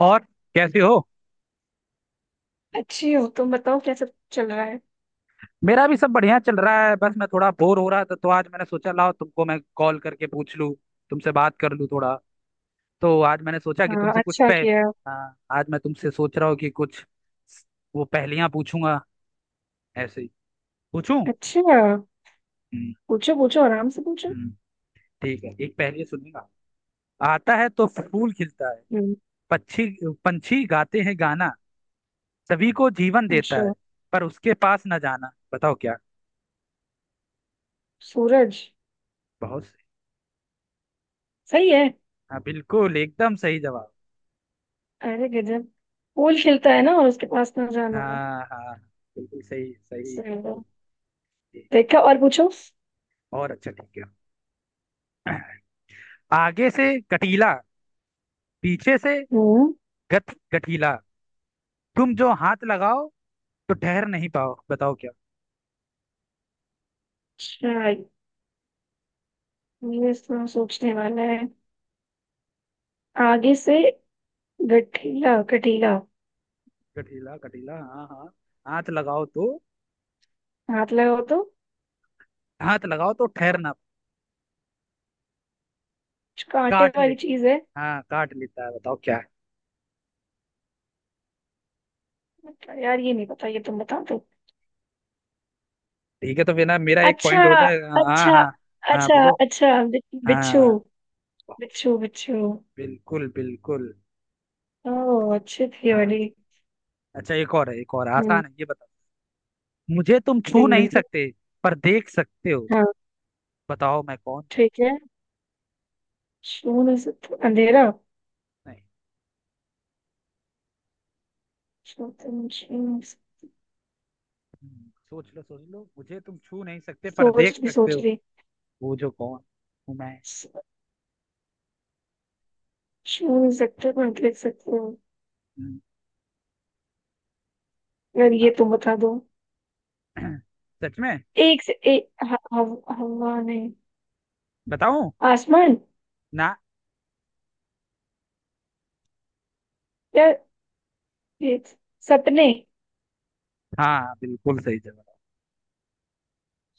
और कैसी हो? अच्छी हो। तुम बताओ कैसा चल रहा है। मेरा भी सब बढ़िया चल रहा है। बस मैं थोड़ा बोर हो रहा था, तो आज मैंने सोचा लाओ तुमको मैं कॉल करके पूछ लूँ, तुमसे बात कर लूँ थोड़ा। तो आज मैंने सोचा कि हाँ, तुमसे कुछ अच्छा पे... किया। हाँ, आज मैं तुमसे सोच रहा हूँ कि कुछ वो पहेलियां पूछूंगा, ऐसे ही पूछूं। अच्छा, हम्म। पूछो पूछो आराम से पूछो। हम्म। ठीक है, एक पहेली सुनूंगा। आता है तो फूल खिलता है, हम्म। पक्षी, पंछी गाते हैं गाना, सभी को जीवन देता है, अच्छा। पर उसके पास न जाना। बताओ क्या? सूरज। बहुत सही। सही है। हाँ बिल्कुल एकदम सही जवाब। अरे गजब। पूल खिलता है ना और उसके पास ना जाना। हाँ हाँ बिल्कुल सही सही सही है। बिल्कुल सही। देखा? और पूछो। और अच्छा ठीक है, आगे से कटीला, पीछे से हम्म। गठ गठीला, तुम जो हाथ लगाओ तो ठहर नहीं पाओ। बताओ क्या? अच्छा, ये सोचने वाला है। आगे से गठीला गठीला। गठीला गठीला, हाँ हाँ। हाथ लगाओ तो, हाथ लगाओ तो हाथ लगाओ तो ठहर ना... कुछ कांटे काट ले। वाली चीज है। हाँ काट लेता है। बताओ क्या है? यार, ये नहीं पता, ये तुम बता दो। ठीक है, तो फिर ना मेरा एक अच्छा। पॉइंट हो जाएगा। हाँ अच्छा। हाँ। हाँ अच्छा। बोलो। अच्छा बिच्छू। हाँ। बहुत बिच्छू सही। बिच्छू। बिल्कुल बिल्कुल। ओह, अच्छी थी हाँ। वाली। अच्छा एक और है, एक और हम्म। आसान है, ये बताओ। मुझे तुम छू ठीक, नहीं बिल्कुल। सकते पर देख सकते हो। हाँ। बताओ मैं कौन? ठीक है, शून्य से तो अंधेरा। नहीं। शून्य शून्य से- सोच लो सोच लो, मुझे तुम छू नहीं सकते पर सोच देख रही सकते सोच हो। रही। वो जो कौन हूँ मैं? शून्य सकते हो, देख सकते हो। हम्म, अगर ये यार तुम बता दो। सच में एक से एक हवा? नहीं। बताऊं आसमान? ना? या ये सपने। हाँ बिल्कुल सही जवाब।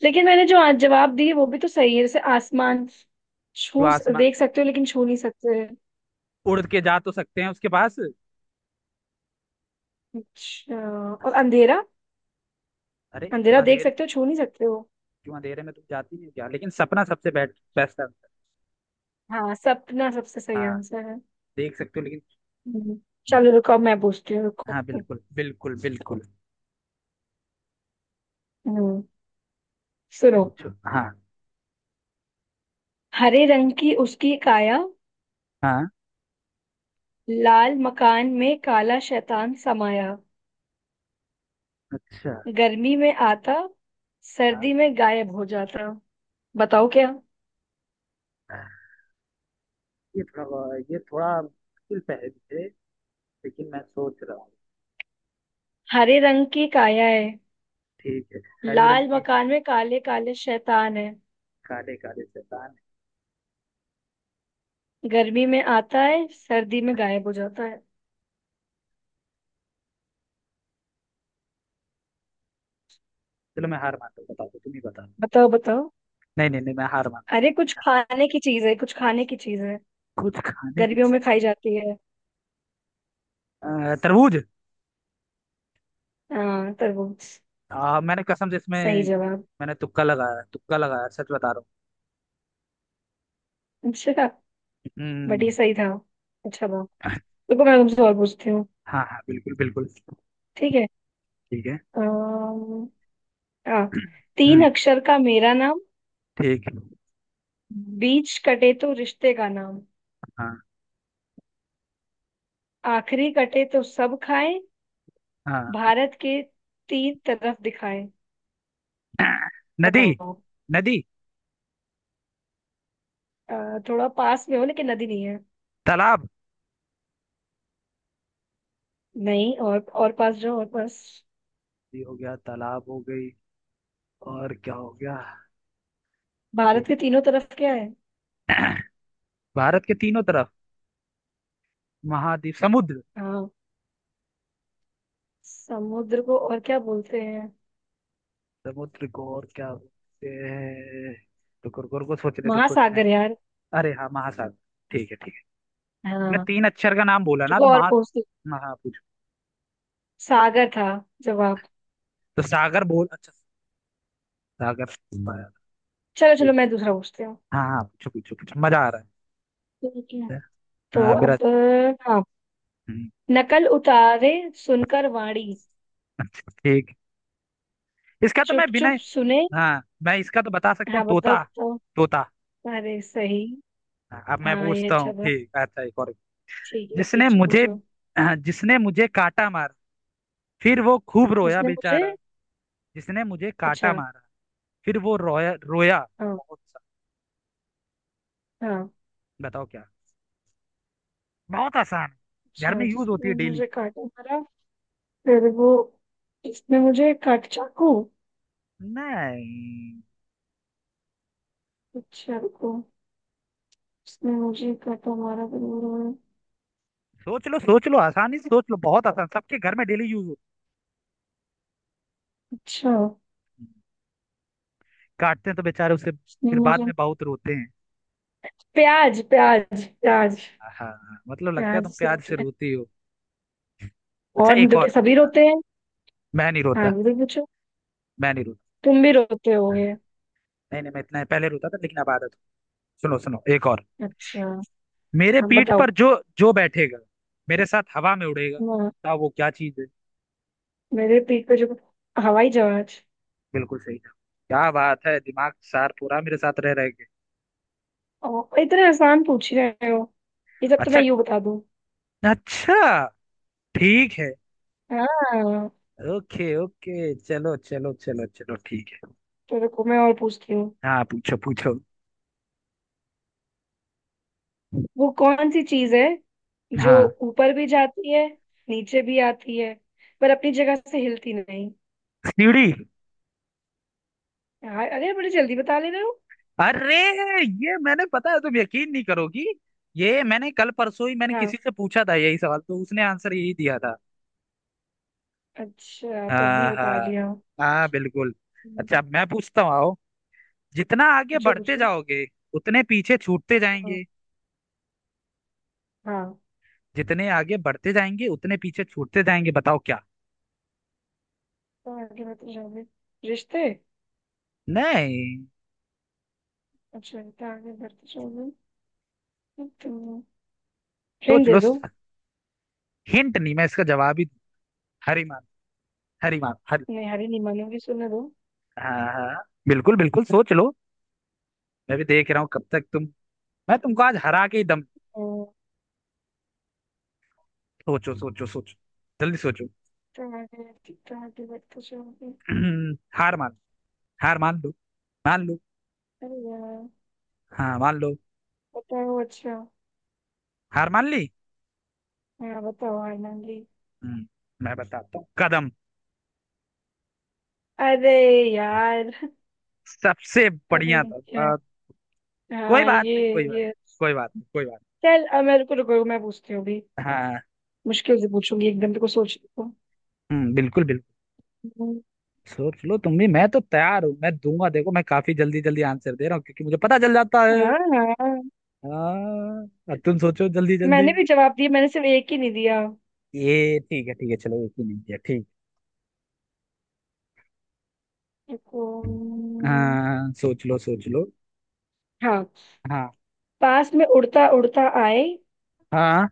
लेकिन मैंने जो आज जवाब दिए वो भी तो सही है। जैसे आसमान, जो छू आसमान... देख सकते हो लेकिन छू नहीं सकते। उड़ के जा तो सकते हैं उसके पास। अच्छा। और अंधेरा। अरे क्यों अंधेरा देख अंधेरे, सकते हो, छू नहीं सकते हो। क्यों अंधेरे में तुम जाती नहीं हो क्या? लेकिन सपना सबसे बेस्ट बेस्ट आंसर। हाँ, सपना सबसे सही हाँ, आंसर है। देख सकते हो लेकिन... हम्म, चलो रुको, अब मैं पूछती हूँ, रुको। हाँ बिल्कुल बिल्कुल बिल्कुल। हम्म, सुनो। पूछो हाँ। हरे रंग की उसकी काया। हाँ लाल मकान में काला शैतान समाया। अच्छा। गर्मी में आता, हाँ। सर्दी में गायब हो जाता। बताओ क्या। ये थोड़ा मुश्किल पहेली है, लेकिन मैं सोच रहा हूँ। हरे रंग की काया है। ठीक है। हरी रंग लाल की... मकान में काले काले शैतान है। काले काले शैतान है। गर्मी में आता है, सर्दी में गायब हो जाता है। चलो मैं हार मानता हूँ, बता दो, तुम ही बता दो। बताओ बताओ। नहीं नहीं नहीं, मैं हार मानता अरे कुछ खाने की चीज है, कुछ खाने की चीज है। हूँ, कुछ खाने की गर्मियों में चीज खाई जाती है। है। तरबूज। हाँ, तरबूज। मैंने कसम से इसमें... सही जवाब। मैंने तुक्का लगाया, तुक्का लगाया, सच बता रहा हूँ। अच्छा। बट ये हम्म। सही था। अच्छा, वाह। देखो, मैं तुमसे और पूछती हूँ। हाँ हाँ बिल्कुल बिल्कुल। ठीक है। ठीक है। अम्म, हाँ। तीन हम्म। अक्षर का मेरा नाम। ठीक है। बीच कटे तो रिश्ते का नाम। हाँ आखिरी कटे तो सब खाएं। हाँ। भारत के तीन तरफ दिखाएं। नदी। बताओ। नदी। अ, थोड़ा पास में हो लेकिन नदी नहीं है। तालाब। नहीं, और और पास जाओ, और पास। ये हो गया, तालाब हो गई, और क्या हो गया? नदी। भारत के तीनों तरफ क्या है? भारत के तीनों तरफ महाद्वीप, समुद्र। हाँ। समुद्र को और क्या बोलते हैं? समुद्र को और क्या बोलते हैं? रुको रुको रुको, सोचने तो सोचने... महासागर यार। अरे हाँ, महासागर! ठीक है, ठीक है। मैंने हाँ, तीन अक्षर का नाम बोला ना, तो रुको और महा... पूछती। महा पूछो। सागर था जवाब। तो सागर बोल, अच्छा सागर पाया। चलो चलो, ठीक। मैं दूसरा पूछती हूँ। हाँ हाँ, पूछो पूछो पूछो, मजा आ रहा ठीक है। है। तो हाँ अब मेरा... हाँ, हम्म, नकल उतारे, सुनकर वाणी, अच्छा ठीक है। इसका तो मैं चुप बिना... चुप सुने। हाँ मैं इसका तो बता सकता हाँ, हूँ, बताओ तोता। बताओ। तोता। अरे, सही। हाँ, अब मैं हाँ, ये पूछता अच्छा हूँ था। ठीक, अच्छा एक और। ठीक है, जिसने पीछे मुझे... पूछो। हाँ, जिसने मुझे काटा मारा, फिर वो खूब रोया जिसने मुझे। बेचारा। जिसने मुझे काटा अच्छा। मारा, फिर वो रोया रोया हाँ। बहुत सा। हाँ। बताओ क्या? बहुत आसान है, घर अच्छा, में यूज होती है जिसने डेली। मुझे काटा मारा, फिर वो। इसने मुझे काट, चाकू। नहीं। अच्छा रुको। इसने मुझे काटा मारा फिर वो रोया। सोच लो सोच लो आसानी से, सोच लो बहुत आसान, सबके घर में डेली यूज होती अच्छा। है। काटते हैं तो बेचारे उसे इसने फिर बाद मुझे, में बहुत रोते हैं। प्याज प्याज प्याज। हाँ हाँ, मतलब लगता है प्याज तुम से प्याज रोते से हैं। रोती हो। अच्छा और नहीं एक तो क्या, और। सभी हाँ, रोते हैं। मैं नहीं हाँ रोता। बिल्कुल, पूछो। मैं नहीं रोता। तुम भी रोते हाँ, होगे। नहीं नहीं मैं इतना पहले रोता था लेकिन अब आदत हो। सुनो सुनो एक और। अच्छा, मेरे अब पीठ बताओ। पर जो... जो बैठेगा मेरे साथ हवा में उड़ेगा, हाँ, बताओ वो क्या चीज है? मेरे पीठ पे जो, हवाई जहाज। बिल्कुल सही, क्या बात है, दिमाग सार पूरा मेरे साथ रह रहे के... ओ, इतने आसान पूछ रहे हो। ये सब तो अच्छा। मैं यूं बता दूं। अच्छा। ठीक है। हाँ। ओके ओके, चलो चलो चलो चलो, ठीक है। तो रुको, मैं और पूछती हूँ। हाँ पूछो पूछो। वो कौन सी चीज है जो हाँ। ऊपर भी जाती है, नीचे भी आती है, पर अपनी जगह से हिलती नहीं। सीढ़ी। यार, अरे बड़ी जल्दी बता ले रहे हो। अरे, ये मैंने, पता है, तुम यकीन नहीं करोगी, ये मैंने कल परसों ही मैंने हाँ, किसी से पूछा था यही सवाल, तो उसने आंसर यही दिया था। अच्छा तो अभी हाँ बता हाँ। रही हूँ। हाँ बिल्कुल। अच्छा अब मैं पूछता हूँ, आओ, जितना आगे पूछो बढ़ते पूछो। जाओगे उतने पीछे छूटते हाँ। जाएंगे। हाँ, जितने आगे बढ़ते जाएंगे उतने पीछे छूटते जाएंगे। बताओ क्या? तो आगे बढ़ते जाओगे, रिश्ते। नहीं। अच्छा, तो आगे बढ़ते जाओगे तो फ्रेंड सोच दे लो। दो। हिंट नहीं, मैं इसका जवाब ही दूं। हरी मार, हरी मार, हरी... नहीं, हरी नहीं मानूंगी, सुनने दो। हाँ हाँ बिल्कुल बिल्कुल, सोच लो। मैं भी देख रहा हूँ कब तक तुम... मैं तुमको आज हरा के ही दम... हाँ, सोचो सोचो सोचो, जल्दी सोचो। तो आगे, तो आगे बढ़ते जाओगे। हार मान, हार मान लो, मान लो। अरे यार। हाँ मान लो। बताओ अच्छा। हार मान ली। हाँ, बताओ, हार मान ली। हम्म, मैं बताता हूँ, कदम, अरे यार। सबसे अरे बढ़िया था। यार। आ, कोई हाँ, बात नहीं, ये कोई बात, ये कोई बात नहीं, कोई बात चल, अब मेरे को रुको, मैं पूछती हूँ अभी। नहीं। हाँ। मुश्किल से पूछूंगी, एकदम तेरे को सोच को। बिल्कुल बिल्कुल। हम्म, सोच लो तुम भी, मैं तो तैयार हूँ, मैं दूंगा देखो, मैं काफी जल्दी जल्दी आंसर दे रहा हूँ क्योंकि मुझे पता चल जाता है। हाँ। हाँ, हाँ। अब तुम सोचो जल्दी जल्दी। मैंने भी जवाब दिया, मैंने सिर्फ एक ही नहीं दिया। ये ठीक है, ठीक है, चलो एक ही नहीं किया, ठीक। रुको। हाँ सोच लो सोच लो। हाँ। हाँ पास में उड़ता उड़ता आए, हाँ।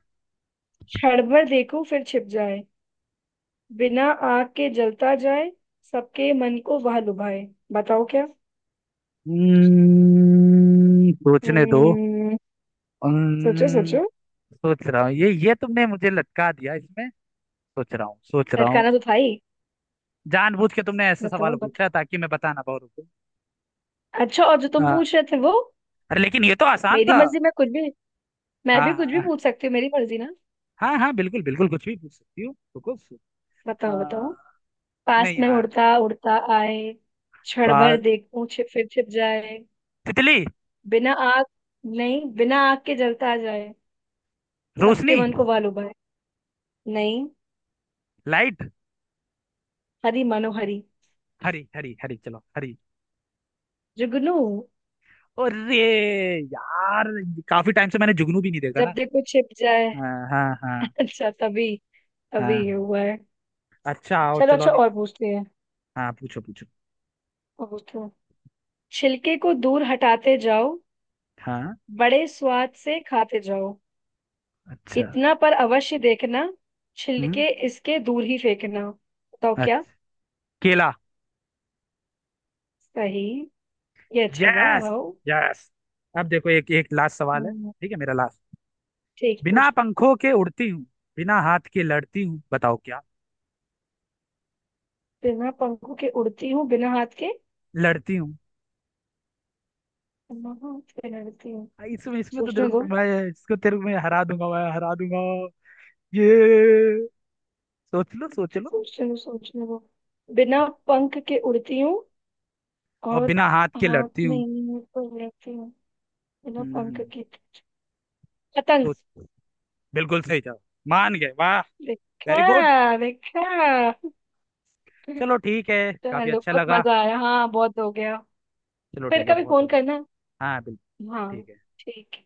क्षण भर देखूं फिर छिप जाए, बिना आग के जलता जाए, सबके मन को वह लुभाए, बताओ क्या। सोचने दो। हम्म। सोचो हम्म, सोचो। सोच रहा हूँ, ये तुमने मुझे लटका दिया इसमें। सोच रहा हूँ, सोच रहा हूँ। लटकाना तो था ही। जानबूझ के तुमने ऐसे सवाल बताओ। पूछा ताकि मैं बता ना पाऊँ, रुको। अच्छा, और जो तुम हाँ। पूछ रहे थे वो? अरे लेकिन ये तो आसान मेरी था। मर्जी, मैं कुछ भी, मैं हाँ भी कुछ भी हाँ। पूछ सकती हूँ, मेरी मर्जी ना। हाँ हाँ, बिल्कुल बिल्कुल कुछ भी पूछ सकती हूँ, तो कुछ... आ, बताओ बताओ। पास नहीं में यार। उड़ता उड़ता आए, क्षण भर पा देखूं छिप, फिर छिप जाए, तितली। बिना आग, नहीं बिना आग के जलता जाए, रोशनी। सबके मन को वालुभाए। नहीं, लाइट। हरी मनोहरी, हरी हरी हरी, चलो हरी। जुगनू। अरे यार, काफी टाइम से मैंने जुगनू भी नहीं देखा जब ना। देखो छिप जाए। हाँ हाँ हाँ अच्छा, तभी, तभी ये हाँ। हुआ है। अच्छा और चलो, चलो अच्छा अभी। और पूछते हैं, हाँ पूछो पूछो। और पूछते हैं। छिलके को दूर हटाते जाओ, हाँ। बड़े स्वाद से खाते जाओ, अच्छा। इतना पर अवश्य देखना, हम्म, छिलके इसके दूर ही फेंकना। बताओ क्या। अच्छा, केला। सही। ये अच्छा था, यस वाओ। यस। अब देखो, एक एक लास्ट सवाल है, हम्म, ठीक है, मेरा लास्ट। ठीक, बिना पूछो। पंखों के उड़ती हूँ, बिना हाथ के लड़ती हूँ। बताओ क्या? बिना पंखों के उड़ती हूँ, बिना हाथ के, लड़ती हूँ। बिना हाथ के लड़ती हूँ। इसमें इसमें तो सोचने दो, तेरे को मैं हरा दूंगा, मैं हरा दूंगा। ये सोच लो सोच लो। सोचने दो, सोचने दो। बिना पंख के उड़ती हूँ, और और बिना हाथ के हाथ लड़ती हूँ। नहीं पर लड़ती हूँ। बिना पंख हम्म। के, पतंग। सोच... बिल्कुल सही जवाब। मान गए, वाह। Very good. देखा, देखा। चलो ठीक है, काफी चलो, अच्छा बहुत लगा। मजा आया, हाँ बहुत हो गया। चलो फिर ठीक है, कभी बहुत हो फोन करना। गया। हाँ बिल्कुल। हाँ। ठीक है। ठीक है।